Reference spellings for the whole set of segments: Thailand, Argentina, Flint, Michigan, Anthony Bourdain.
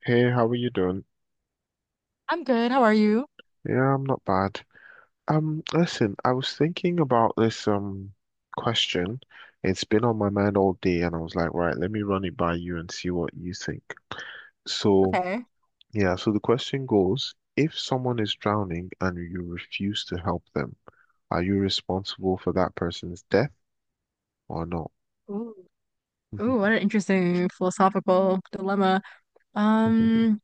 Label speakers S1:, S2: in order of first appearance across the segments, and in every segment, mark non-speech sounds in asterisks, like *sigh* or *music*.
S1: Hey, how are you doing?
S2: I'm good. How are you?
S1: Yeah, I'm not bad. Listen, I was thinking about this question. It's been on my mind all day, and I was like, right, let me run it by you and see what you think. So,
S2: Okay.
S1: yeah, so the question goes, if someone is drowning and you refuse to help them, are you responsible for that person's death or not?
S2: Ooh.
S1: *laughs* hmm
S2: Ooh, what an interesting philosophical dilemma. Um,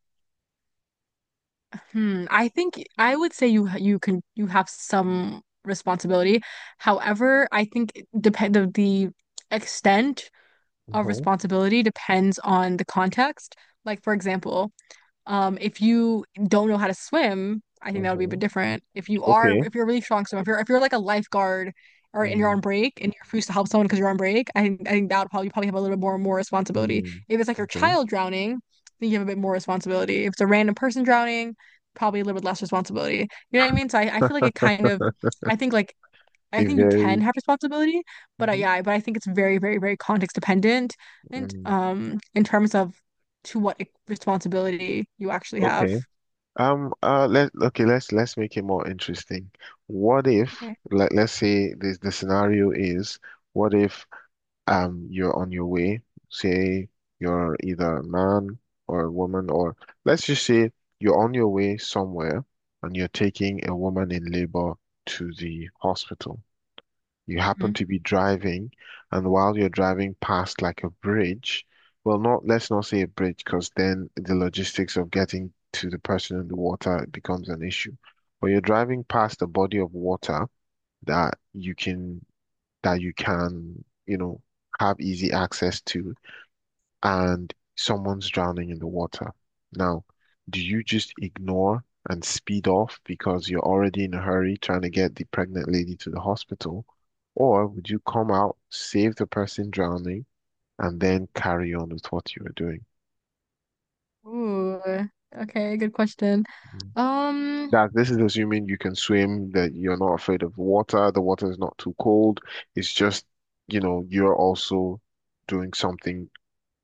S2: I think I would say you have some responsibility. However, I think it depend of the extent of responsibility depends on the context. Like for example, if you don't know how to swim, I think that would be a bit
S1: hmm
S2: different.
S1: Okay.
S2: If you're a really strong swimmer, if you're like a lifeguard or and you're on break and you're forced to help someone because you're on break, I think that would probably you probably have a little bit more responsibility.
S1: hmm
S2: If it's like your
S1: Okay.
S2: child drowning, I think you have a bit more responsibility. If it's a random person drowning, probably a little bit less responsibility. You know what I mean? So I feel like
S1: *laughs*
S2: I think like I
S1: A
S2: think you can
S1: very.
S2: have responsibility,
S1: Mhm.
S2: yeah, but I think it's very, very, very context dependent and
S1: mm,
S2: in terms of responsibility you actually have.
S1: Okay. Let Okay, let's make it more interesting. What if,
S2: Okay.
S1: let's say this the scenario is, what if you're on your way, say you're either a man or a woman, or let's just say you're on your way somewhere and you're taking a woman in labor to the hospital, you happen
S2: Mhm.
S1: to be driving, and while you're driving past like a bridge, well, not let's not say a bridge, because then the logistics of getting to the person in the water becomes an issue. But you're driving past a body of water that you can, you know, have easy access to, and someone's drowning in the water. Now, do you just ignore and speed off because you're already in a hurry trying to get the pregnant lady to the hospital? Or would you come out, save the person drowning, and then carry on with what you were doing?
S2: Ooh. Okay, good question.
S1: Mm.
S2: Um
S1: That This is assuming you can swim, that you're not afraid of water, the water is not too cold. It's just, you know, you're also doing something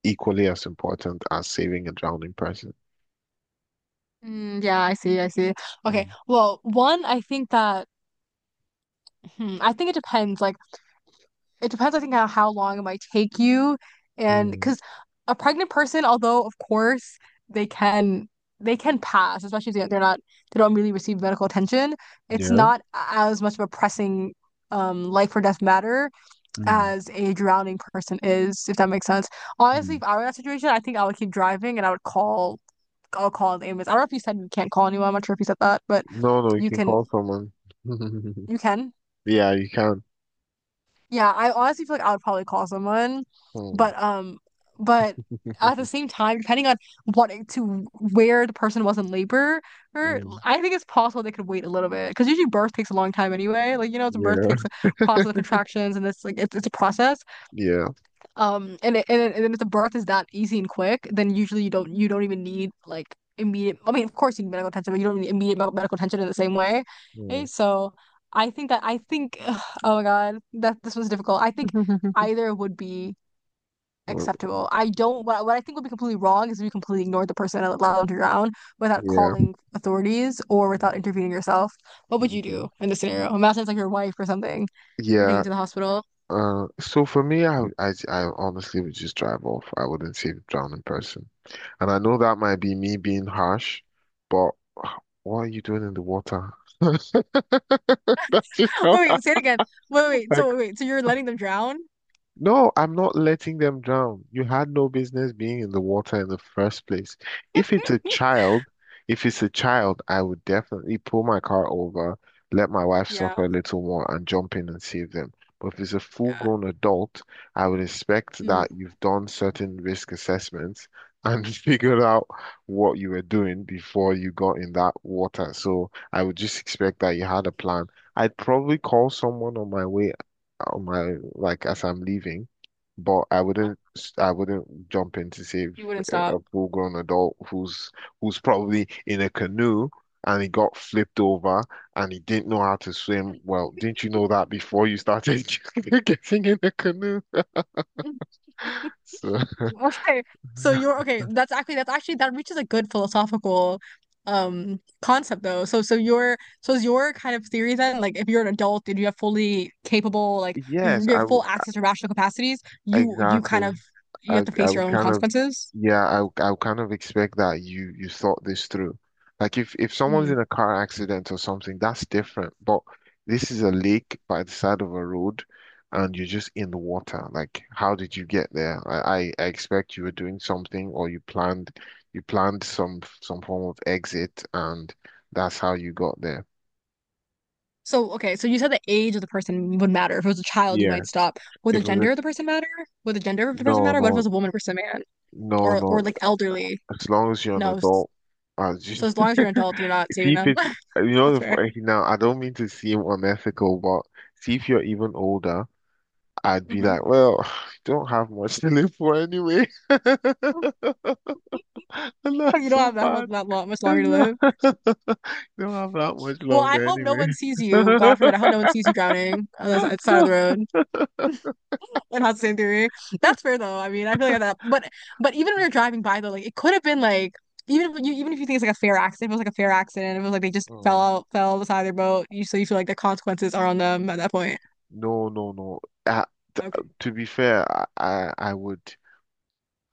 S1: equally as important as saving a drowning person.
S2: yeah, I see, I see. Okay.
S1: Mm.
S2: Well, one, I think that I think it depends. Like it depends, I think, on how long it might take you. And
S1: Mm.
S2: because a pregnant person, although of course they can they can pass, especially if they don't really receive medical attention, it's
S1: Yeah.
S2: not as much of a pressing life or death matter
S1: Mm,
S2: as a drowning person is, if that makes sense. Honestly,
S1: mm.
S2: if I were in that situation, I think I would keep driving and I'll call the ambulance. I don't know if you said you can't call anyone. I'm not sure if you said that, but
S1: No, no, you
S2: you
S1: can
S2: can
S1: call someone. *laughs*
S2: you can.
S1: Yeah, you can.
S2: Yeah, I honestly feel like I would probably call someone,
S1: Hmm.
S2: but um, but
S1: *laughs*
S2: at the same time, depending on what to where the person was in labor, or
S1: Mm.
S2: I think it's possible they could wait a little bit because usually birth takes a long time anyway. Like you know, the birth
S1: Yeah,
S2: takes a process of contractions and it's like it's a process.
S1: yeah,
S2: And if the birth is that easy and quick, then usually you don't even need like immediate. I mean, of course you need medical attention, but you don't need immediate medical attention in the same way.
S1: yeah.
S2: Okay, so I think *sighs* ugh, oh my God, that this was difficult. I think
S1: *laughs*
S2: either would be
S1: Well,
S2: acceptable. I don't what I think would be completely wrong is if you completely ignore the person and allow them to drown without
S1: yeah.
S2: calling authorities or
S1: Mm.
S2: without intervening yourself. What would you
S1: Okay.
S2: do in this scenario? Imagine it's like your wife or something you're taking
S1: Yeah.
S2: to the hospital.
S1: So for me, I honestly would just drive off. I wouldn't save drown in person. And I know that might be me being harsh, but *sighs* what are you doing in the water? *laughs* That's just
S2: *laughs*
S1: how
S2: Say it again.
S1: I.
S2: So you're letting them drown?
S1: No, I'm not letting them drown. You had no business being in the water in the first place. If it's a child, if it's a child, I would definitely pull my car over, let my wife
S2: Yeah,
S1: suffer a little more, and jump in and save them. But if it's a
S2: yeah.
S1: full-grown adult, I would expect
S2: Mm,
S1: that you've done certain risk assessments and *laughs* figured out what you were doing before you got in that water. So I would just expect that you had a plan. I'd probably call someone on my way, on my like as I'm leaving, but I wouldn't jump in to save
S2: you wouldn't
S1: a
S2: stop.
S1: full-grown adult who's probably in a canoe and he got flipped over and he didn't know how to swim. Well, didn't you know that before you started *laughs* getting in the canoe?
S2: *laughs*
S1: So
S2: Okay. So you're
S1: *laughs*
S2: okay. That's actually that reaches a good philosophical concept though. So is your kind of theory then like if you're an adult and you have fully capable like
S1: yes,
S2: you
S1: I
S2: have
S1: would.
S2: full access to rational capacities, you kind
S1: Exactly.
S2: of you have to
S1: I
S2: face your
S1: would
S2: own
S1: kind of
S2: consequences.
S1: Yeah, I would kind of expect that you thought this through. Like if someone's in a car accident or something, that's different. But this is a lake by the side of a road and you're just in the water. Like how did you get there? I expect you were doing something or you planned, some form of exit and that's how you got there.
S2: So, okay, so you said the age of the person would matter. If it was a child, you
S1: Yeah,
S2: might stop. Would the
S1: if it was a,
S2: gender of the person matter? Would the gender of the person
S1: no,
S2: matter? What if it
S1: no,
S2: was a woman versus a man?
S1: no,
S2: Or
S1: no.
S2: like elderly?
S1: As long as you're an
S2: No.
S1: adult, as you
S2: So as long as you're an adult, you're not
S1: *laughs* see
S2: saving
S1: if
S2: them.
S1: it's, you
S2: *laughs* That's
S1: know, the
S2: fair.
S1: f-, now I don't mean to seem unethical, but see if you're even older, I'd be
S2: Hmm.
S1: like,
S2: *laughs*
S1: well, *sighs* don't have much to live for anyway. *laughs* And
S2: You
S1: that's
S2: don't
S1: so
S2: have that much
S1: bad.
S2: that long, much longer
S1: And
S2: to
S1: you
S2: live.
S1: *laughs* don't have that much
S2: Well, I
S1: longer
S2: hope no one sees you. God
S1: anyway.
S2: forbid. I hope
S1: *laughs*
S2: no one sees you drowning on the side of
S1: No.
S2: the road. It has the same theory. That's fair though. I mean, I feel like that. But even when you're driving by though, like it could have been like even if you think it's like a fair accident, if it was like a fair accident, if it was like they just
S1: Mm.
S2: fell beside their boat, you so you feel like the consequences are on them at that point.
S1: No, no, no. Uh,
S2: Okay.
S1: to be fair, I would.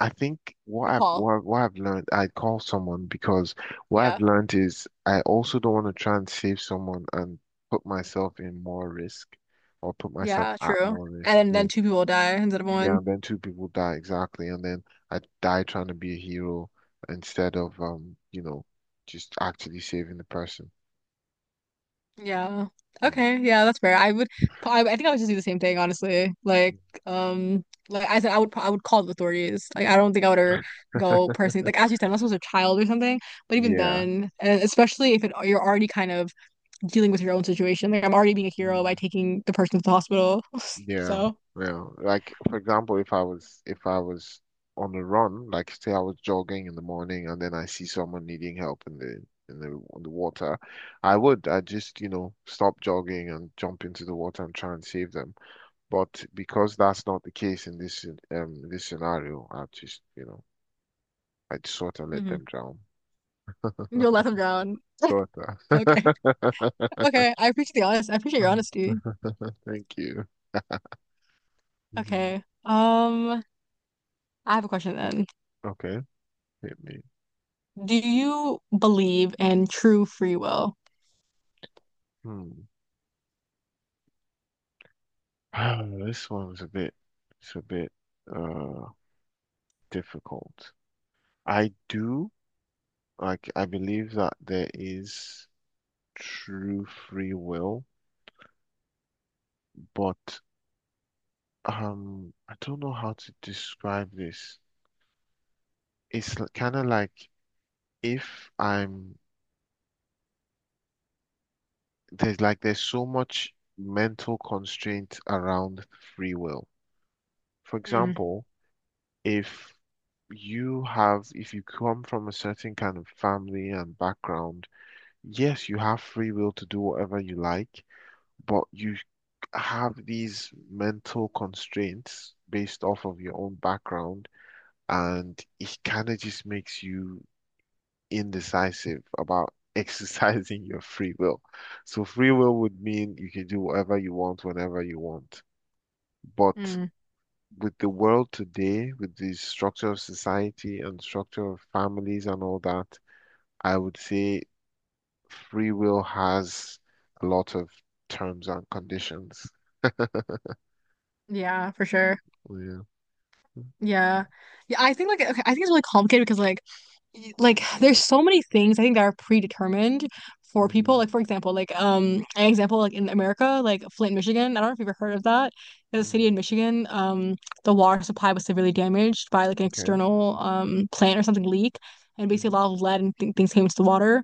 S1: I think
S2: Good call.
S1: what I've learned, I call someone because what
S2: Yeah.
S1: I've learned is I also don't want to try and save someone and put myself in more risk, or put myself
S2: Yeah,
S1: at
S2: true.
S1: more risk.
S2: And
S1: Yeah.
S2: then two people die instead of
S1: Yeah,
S2: one.
S1: and then two people die, exactly, and then I die trying to be a hero instead of you know, just actually saving the person.
S2: Yeah.
S1: Mm.
S2: Okay. Yeah, that's fair. I would. I think I would just do the same thing, honestly. Like I said, I would call the authorities. Like, I don't think I would ever go personally. Like, as you said, unless it was a child or something. But even
S1: Yeah.
S2: then, and especially if it, you're already kind of dealing with your own situation. Like, I'm already being a hero
S1: Mm.
S2: by taking the person to the hospital. *laughs*
S1: Yeah,
S2: So,
S1: yeah. Like for example, if I was on a run, like say I was jogging in the morning and then I see someone needing help in the, in the in the water, I just, you know, stop jogging and jump into the water and try and save them. But because that's not the case in this this scenario, I just, you know, I just sort of let them
S2: Mhm.
S1: drown.
S2: you'll let them drown. *laughs*
S1: Sort of.
S2: Okay.
S1: *laughs*
S2: Okay, I appreciate the honest. I appreciate your honesty.
S1: Thank you. Mhm.
S2: Okay. I have a question then.
S1: Okay, hit me.
S2: Do you believe in true free will?
S1: Hmm. *sighs* This one's a bit, It's a bit. Uh, Difficult. I do, like, I believe that there is true free will, but I don't know how to describe this. It's kind of like if I'm there's like there's so much mental constraint around free will. For
S2: Mm,
S1: example, if you have if you come from a certain kind of family and background, yes, you have free will to do whatever you like, but you have these mental constraints based off of your own background, and it kind of just makes you indecisive about *laughs* exercising your free will. So, free will would mean you can do whatever you want whenever you want. But
S2: mm,
S1: with the world today, with the structure of society and structure of families and all that, I would say free will has a lot of terms and conditions.
S2: yeah, for sure.
S1: Yeah.
S2: Yeah. Yeah, I think like okay, I think it's really complicated because like like there's so many things I think that are predetermined for people.
S1: Mhm.
S2: Like for example, like an example like in America, like Flint, Michigan. I don't know if you've ever heard of that. There's a city
S1: Mhm.
S2: in Michigan. The water supply was severely damaged by like an
S1: Okay.
S2: external plant or something leak, and basically
S1: Mhm.
S2: a lot of lead and th things came into the water.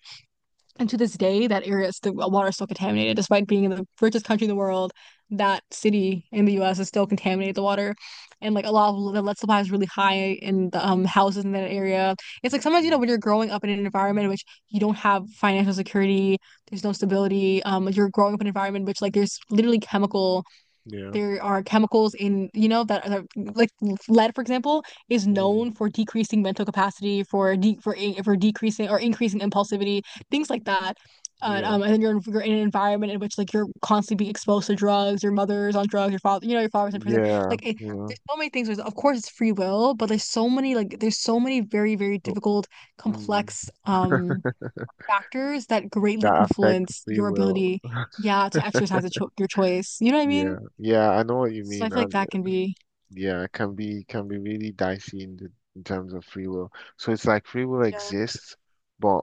S2: And to this day, that area is the water is still contaminated, despite being in the richest country in the world. That city in the U.S. is still contaminated the water, and like a lot of the lead supply is really high in the houses in that area. It's like sometimes you know
S1: Mm.
S2: when you're growing up in an environment in which you don't have financial security, there's no stability. You're growing up in an environment in which like
S1: Yeah.
S2: there are chemicals in, you know, that are, like lead, for example, is
S1: Mm.
S2: known for decreasing mental capacity, for de for in- for decreasing or increasing impulsivity, things like that.
S1: Yeah.
S2: And then you're in an environment in which like you're constantly being exposed to drugs. Your mother's on drugs. Your father, you know, your father's in prison.
S1: Yeah,
S2: Like, it,
S1: yeah.
S2: there's so many things. There's, of course, it's free will, but there's so many like there's so many very very
S1: So,
S2: difficult,
S1: mm,
S2: complex factors that greatly
S1: that affects
S2: influence
S1: free
S2: your
S1: will.
S2: ability,
S1: *laughs*
S2: yeah, to exercise a cho your choice. You know what I
S1: Yeah,
S2: mean?
S1: yeah, I know what you
S2: So I
S1: mean,
S2: feel like
S1: and
S2: that can be
S1: yeah, it can be, really dicey in the, in terms of free will. So it's like free will
S2: Yeah,
S1: exists, but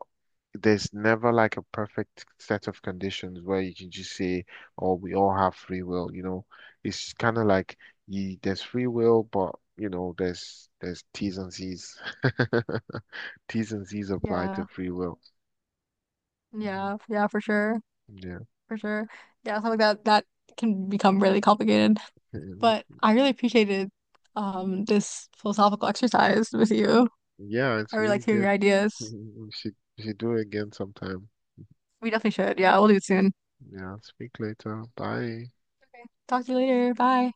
S1: there's never like a perfect set of conditions where you can just say, "Oh, we all have free will." You know, it's kind of like you, there's free will, but you know, there's T's and C's. *laughs* T's and C's apply to
S2: yeah,
S1: free will.
S2: yeah, for sure,
S1: Yeah. *laughs*
S2: for sure. Yeah, something like that that can become really complicated. But I really appreciated this philosophical exercise with you.
S1: Yeah,
S2: I
S1: it's
S2: really
S1: really
S2: liked hearing your
S1: good. *laughs*
S2: ideas.
S1: We should do it again sometime.
S2: We definitely should. Yeah, we'll do it soon.
S1: Yeah, speak later. Bye.
S2: Okay. Talk to you later. Bye.